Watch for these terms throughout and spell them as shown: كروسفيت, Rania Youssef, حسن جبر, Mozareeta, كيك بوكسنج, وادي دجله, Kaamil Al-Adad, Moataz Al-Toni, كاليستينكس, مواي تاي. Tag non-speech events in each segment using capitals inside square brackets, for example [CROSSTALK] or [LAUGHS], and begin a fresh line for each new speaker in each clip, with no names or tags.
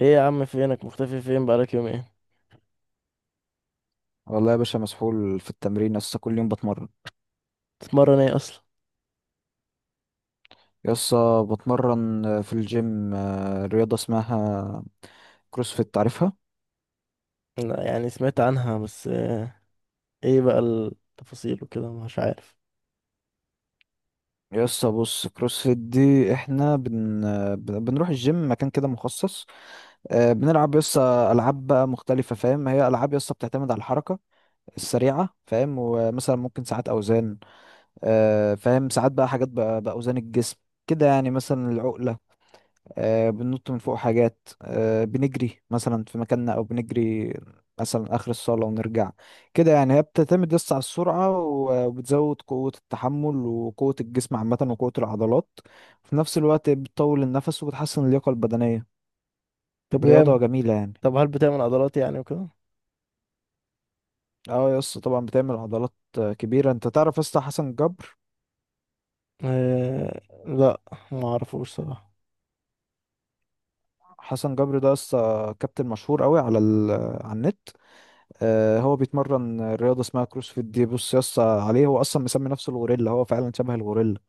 ايه يا عم؟ فينك مختفي؟ فين بقالك يومين؟
والله يا باشا مسحول في التمرين، يسا كل يوم بتمرن.
تتمرن ايه اصلا؟
يسا بتمرن في الجيم، رياضة اسمها كروسفيت، عارفها؟
لا، يعني سمعت عنها بس ايه بقى التفاصيل وكده؟ مش عارف.
يسا بص، كروسفيت دي احنا بنروح الجيم، مكان كده مخصص، بنلعب يسا ألعاب بقى مختلفة، فاهم؟ هي ألعاب يسا بتعتمد على الحركة السريعة، فاهم؟ ومثلا ممكن ساعات أوزان، فاهم؟ ساعات بقى حاجات بقى بأوزان الجسم كده يعني، مثلا العقلة، بننط من فوق حاجات، بنجري مثلا في مكاننا او بنجري مثلا اخر الصاله ونرجع. كده يعني هي بتعتمد بس على السرعه، وبتزود قوه التحمل وقوه الجسم عامه وقوه العضلات في نفس الوقت، بتطول النفس وبتحسن اللياقه البدنيه.
طب
رياضه
جامد.
جميله يعني.
طب هل بتعمل عضلات يعني وكده؟
اه يا اسطى طبعا بتعمل عضلات كبيره. انت تعرف يا اسطى حسن جبر؟
آه. لا، ما اعرفوش صراحه.
حسن جبر ده يا اسطى كابتن مشهور قوي على على النت. هو بيتمرن رياضة اسمها كروسفيت دي. بص يا اسطى عليه، هو أصلا مسمي نفسه الغوريلا، هو فعلا شبه الغوريلا.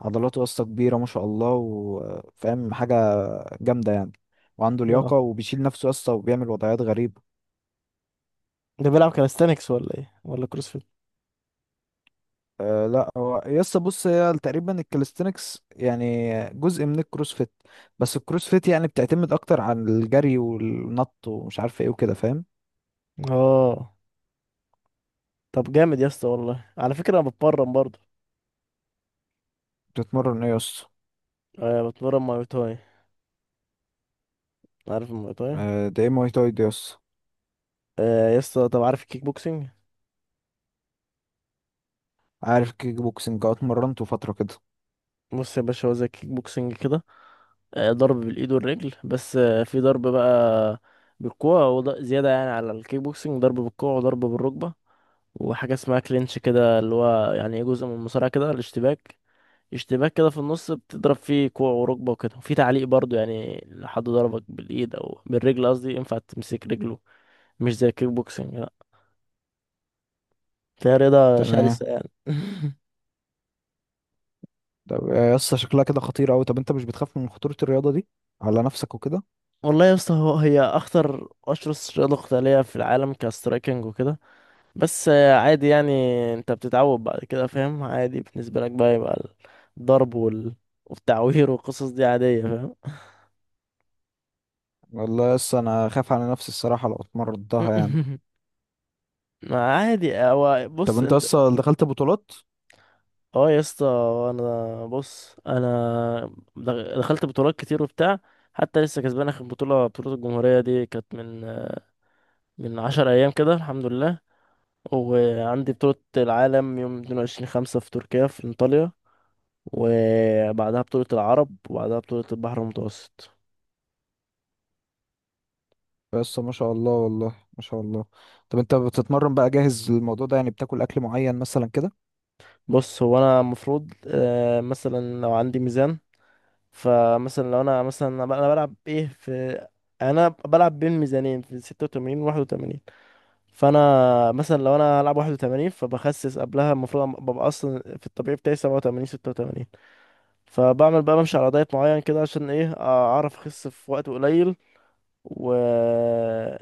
عضلاته يا اسطى كبيرة ما شاء الله، وفاهم حاجة جامدة يعني، وعنده لياقة
اه،
وبيشيل نفسه يا اسطى، وبيعمل وضعيات غريبة.
ده بيلعب كاليستانكس ولا ايه ولا كروسفيت؟
أه لا، هو يا اسطى بص، هي تقريبا الكاليستينكس يعني جزء من الكروسفيت، بس الكروسفيت يعني بتعتمد أكتر عن الجري والنط ومش عارف ايه وكده، فاهم؟
اه. طب جامد يا اسطى، والله. على فكره انا بتمرن برضه.
بتتمرن ايه يا اسطى؟
آه، بتمرن ماي تاي. عارف الماي تاي؟
ده ايه مواي تاي ده يا اسطى؟
آه يا اسطى، طب عارف الكيك بوكسينج؟
عارف كيك بوكسنج، اه اتمرنته فترة كده.
بص يا باشا، هو زي الكيك بوكسينج كده. ضرب بالايد والرجل، بس في ضرب بقى بالكوع زياده يعني على الكيك بوكسنج: ضرب بالكوع وضرب بالركبه، وحاجه اسمها كلينش كده، اللي هو يعني ايه، جزء من المصارعه كده، الاشتباك. اشتباك كده في النص، بتضرب فيه كوع وركبه وكده، وفي تعليق برضو، يعني لو حد ضربك بالايد او بالرجل، قصدي ينفع تمسك رجله. مش زي الكيك بوكسنج، لا. فهي رياضه
تمام.
شرسه يعني. [LAUGHS]
طب يا اسطى شكلها كده خطيرة أوي، طب أنت مش بتخاف من خطورة الرياضة دي على نفسك وكده؟
والله يا اسطى، هي اخطر اشرس رياضه قتاليه في العالم كسترايكنج وكده، بس عادي يعني. انت بتتعود بعد كده، فاهم؟ عادي بالنسبة لك بقى، يبقى الضرب والتعوير والقصص دي عادية، فاهم؟
والله يا اسطى أنا خايف على نفسي الصراحة لو اتمرضتها يعني.
[LAUGHS] ما عادي، هو
طب
بص
أنت
انت.
اصلا دخلت بطولات؟
اه يا اسطى. انا بص، دخلت بطولات كتير وبتاع. حتى لسه كسبان اخر بطولة، بطولة الجمهورية دي، كانت من من عشر ايام كده، الحمد لله. وعندي بطولة العالم يوم 22 خمسة في تركيا، في انطاليا، وبعدها بطولة العرب، وبعدها بطولة البحر المتوسط.
يا اسطى ما شاء الله والله، ما شاء الله. طب أنت بتتمرن بقى جاهز للموضوع ده يعني، بتاكل أكل معين مثلا كده؟
بص، هو انا المفروض، مثلا لو عندي ميزان، فمثلا لو انا مثلا أنا بلعب ايه في، يعني انا بلعب بين ميزانين، في 86 و 81. فانا مثلا لو انا هلعب 81، فبخسس قبلها. المفروض ببقى اصلا في الطبيعي بتاعي 87، 86. فبعمل بقى، بمشي على دايت معين كده عشان ايه؟ اعرف اخس في وقت قليل، و...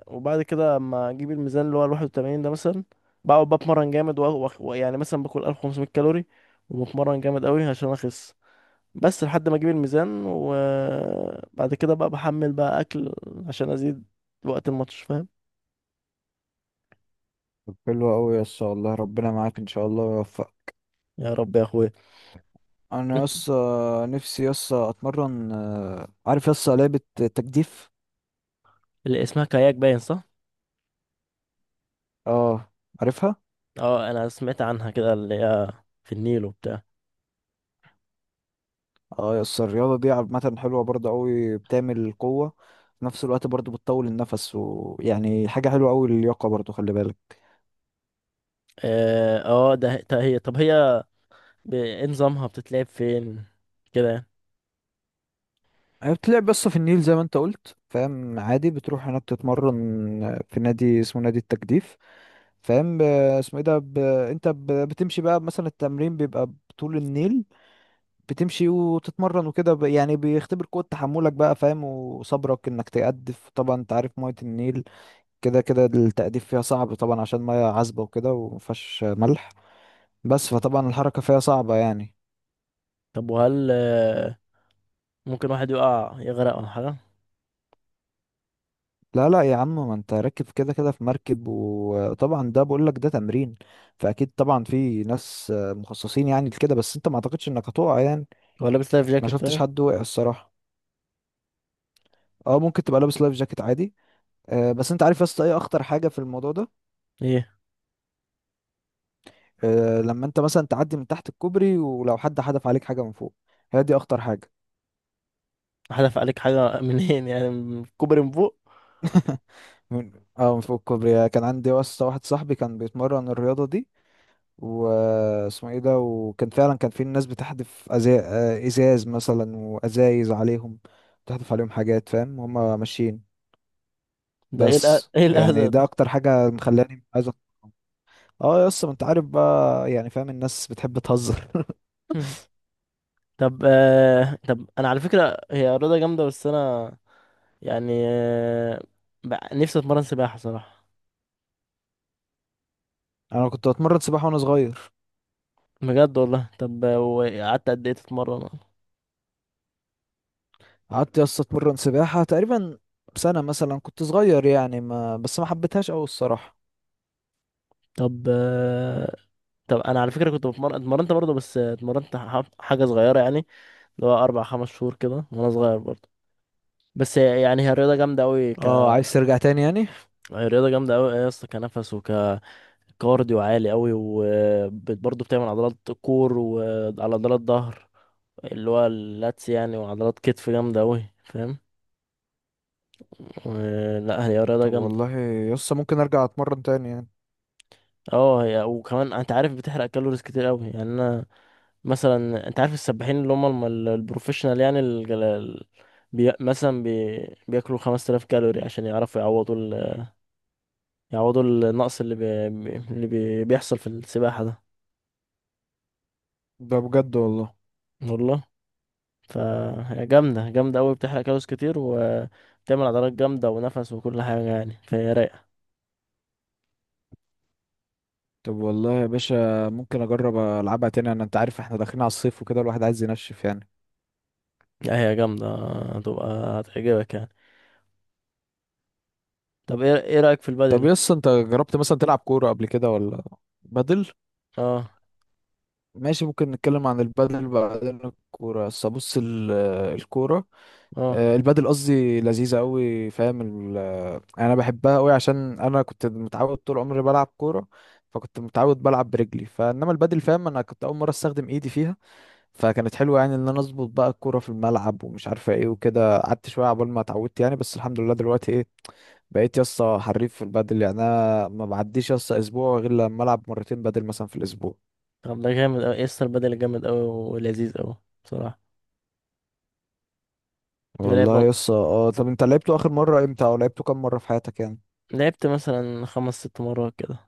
وبعد كده اما اجيب الميزان اللي هو ال 81 ده مثلا، بقعد بتمرن جامد، ويعني مثلا باكل 1500 كالوري وبتمرن جامد قوي عشان اخس. بس لحد ما اجيب الميزان، وبعد كده بقى بحمل بقى اكل عشان ازيد وقت الماتش، فاهم؟
طب حلو أوي يا اسطى، والله ربنا معاك إن شاء الله ويوفقك.
يا رب يا اخويا.
أنا يا
انت؟
اسطى، نفسي يا اسطى أتمرن. عارف يا اسطى لعبة تجديف؟
اللي اسمها كاياك، باين صح؟
أه. عارفها؟
اه، انا سمعت عنها كده، اللي هي في النيل وبتاع.
اه يس، الرياضة دي عامة حلوة برضه أوي، بتعمل قوة في نفس الوقت، برضه بتطول النفس، ويعني حاجة حلوة أوي. اللياقة برضه خلي بالك.
اه ده هي، طب هي إيه نظامها؟ بتتلعب فين كده يعني؟
هي بتلعب بس في النيل زي ما انت قلت، فاهم؟ عادي، بتروح هناك تتمرن في نادي اسمه نادي التجديف، فاهم؟ اسمه ايه ده، بتمشي بقى مثلا. التمرين بيبقى بطول النيل، بتمشي وتتمرن وكده، يعني بيختبر قوة تحملك بقى، فاهم؟ وصبرك انك تقدف. طبعا انت عارف مية النيل كده كده التأديب فيها صعب طبعا، عشان مية عذبة وكده ومفيهاش ملح بس، فطبعا الحركة فيها صعبة يعني.
طب وهل ممكن واحد يقع يغرق ولا حاجة؟
لا لا يا عم، ما انت راكب كده كده في مركب، وطبعا ده بقول لك ده تمرين، فأكيد طبعا في ناس مخصصين يعني لكده، بس انت ما اعتقدش انك هتقع يعني.
هو لابس لايف
ما
جاكيت
شفتش
طيب؟
حد وقع الصراحة. اه ممكن تبقى لابس لايف جاكيت عادي. آه بس انت عارف يا اسطى ايه اخطر حاجة في الموضوع ده؟
ايه؟
آه لما انت مثلا تعدي من تحت الكوبري، ولو حد حدف عليك حاجة من فوق، هي دي اخطر حاجة.
حدف عليك حاجة منين يعني؟ من كوبري من فوق؟
من، اه من فوق الكوبري. كان عندي واسطة واحد صاحبي كان بيتمرن الرياضة دي، واسمه ايه ده، وكان فعلا كان في ناس ازاز مثلا، وازايز عليهم، بتحدف عليهم حاجات، فاهم؟ هما ماشيين.
ده ايه
بس
ايه الأذى
يعني ده
ده؟
اكتر حاجة مخلاني عايز اه يا اسطى ما انت عارف بقى يعني، فاهم؟ الناس بتحب تهزر.
[LAUGHS] طب طب انا على فكرة هي رياضة جامدة، بس انا يعني نفسي اتمرن سباحة صراحة.
[LAUGHS] انا كنت بتمرن سباحة وانا صغير.
بجد والله؟ طب وقعدت قد ايه تتمرن؟
قعدت يا اسطى اتمرن سباحة تقريبا سنة مثلا، كنت صغير يعني، ما بس ما حبيتهاش قوي الصراحة.
طب طب انا على فكرة كنت بتمرن، اتمرنت برضه، بس اتمرنت حاجة صغيرة يعني، اللي هو اربع خمس شهور كده وانا صغير برضه. بس يعني هي الرياضة جامدة أوي،
اه عايز ترجع تاني يعني.
هي رياضة جامدة أوي يا اسطى. كنفس وكارديو عالي أوي، وبرضه بتعمل عضلات كور، وعلى عضلات ظهر اللي هو اللاتس يعني، وعضلات كتف جامدة أوي، فاهم؟ لا هي رياضة
طب
جامدة.
والله يسا ممكن ارجع اتمرن تاني يعني.
اه هي، وكمان انت عارف بتحرق كالوريز كتير أوي يعني. انا مثلا، انت عارف السباحين اللي هم البروفيشنال يعني، بي... مثلا بي... بياكلوا 5000 كالوري عشان يعرفوا يعوضوا يعوضوا النقص اللي بيحصل في السباحة ده.
ده بجد والله.
والله؟ فهي جامدة جامدة أوي، بتحرق كالوريز كتير وبتعمل عضلات جامدة ونفس وكل حاجة يعني، فهي رايقة.
طب والله يا باشا ممكن اجرب العبها تاني انا، انت عارف احنا داخلين على الصيف وكده، الواحد عايز ينشف يعني.
لا هي جامدة، هتبقى هتعجبك يعني. طب ايه رأيك في
طب
البدل؟
يسا انت جربت مثلا تلعب كورة قبل كده ولا بدل؟
اه.
ماشي، ممكن نتكلم عن البدل بعدين. الكورة بس بص، الكورة،
اه.
البدل قصدي لذيذة قوي، فاهم انا بحبها قوي عشان انا كنت متعود طول عمري بلعب كورة، فكنت متعود بلعب برجلي. فانما البدل فاهم، انا كنت اول مرة استخدم ايدي فيها، فكانت حلوه يعني، ان انا اظبط بقى الكوره في الملعب ومش عارفه ايه وكده. قعدت شويه عقبال ما اتعودت يعني، بس الحمد لله دلوقتي ايه، بقيت يسطا حريف في البادل يعني. انا ما بعديش يسطا اسبوع غير لما العب مرتين بادل مثلا في الاسبوع.
طب ده جامد أوي يسطا، البدل جامد أوي ولذيذ أوي بصراحة. يا
والله
لعبة،
يسطا اه. طب انت لعبته اخر مره امتى، او لعبته كام مره في حياتك يعني؟
لعبت مثلا خمس ست مرات كده.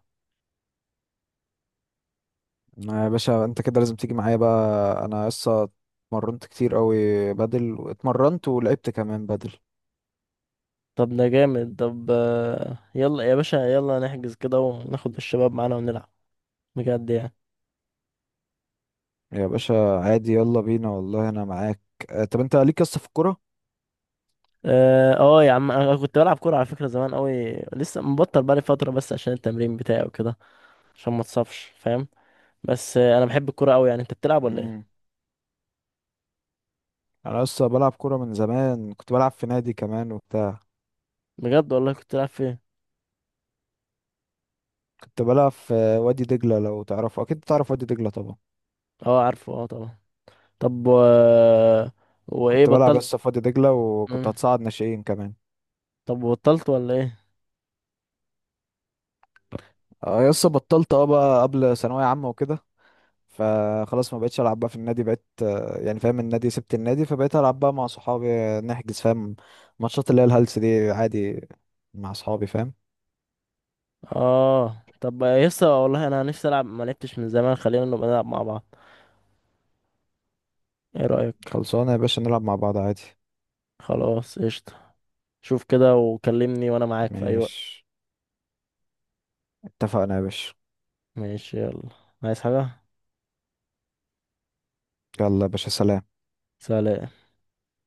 آه يا باشا انت كده لازم تيجي معايا بقى. انا يسطا اتمرنت كتير قوي بادل، واتمرنت ولعبت كمان بادل.
طب ده جامد. طب يلا يا باشا، يلا نحجز كده وناخد الشباب معانا ونلعب، بجد يعني.
يا باشا عادي، يلا بينا والله انا معاك. آه طب انت ليك يسطا في
اه يا عم انا كنت بلعب كوره على فكره، زمان قوي، لسه مبطل بقالي فتره بس عشان التمرين بتاعي وكده، عشان ما اتصابش فاهم. بس آه انا بحب الكوره قوي يعني. انت بتلعب ولا ايه؟
الكوره؟ يعني انا لسه بلعب كوره من زمان، كنت بلعب في نادي كمان وبتاع.
بجد والله؟ كنت بتلعب فين؟
كنت بلعب في وادي دجله، لو تعرفه، اكيد تعرف وادي دجله طبعا.
اه عارفه، اه طبعا. طب وايه
كنت بلعب
بطلت؟
لسه في وادي دجله، وكنت
مم.
هتصعد ناشئين كمان.
طب بطلت ولا ايه؟
اه لسه بطلت، اه بقى قبل ثانويه عامه وكده، فخلاص ما بقتش العب بقى في النادي. بقيت يعني فاهم النادي، سبت النادي، فبقيت العب بقى مع صحابي، نحجز فاهم ماتشات اللي هي الهلس دي عادي مع صحابي، فاهم؟
اه طب يسا والله انا نفسي العب، ما لعبتش من زمان. خلينا نبقى نلعب مع بعض، ايه رايك؟
خلصانه يا باشا، نلعب مع بعض عادي.
خلاص قشطه. شوف كده وكلمني وانا معاك في اي وقت.
ماشي اتفقنا يا باشا.
ماشي، يلا. عايز حاجه؟
يلا يا باشا سلام.
سلام.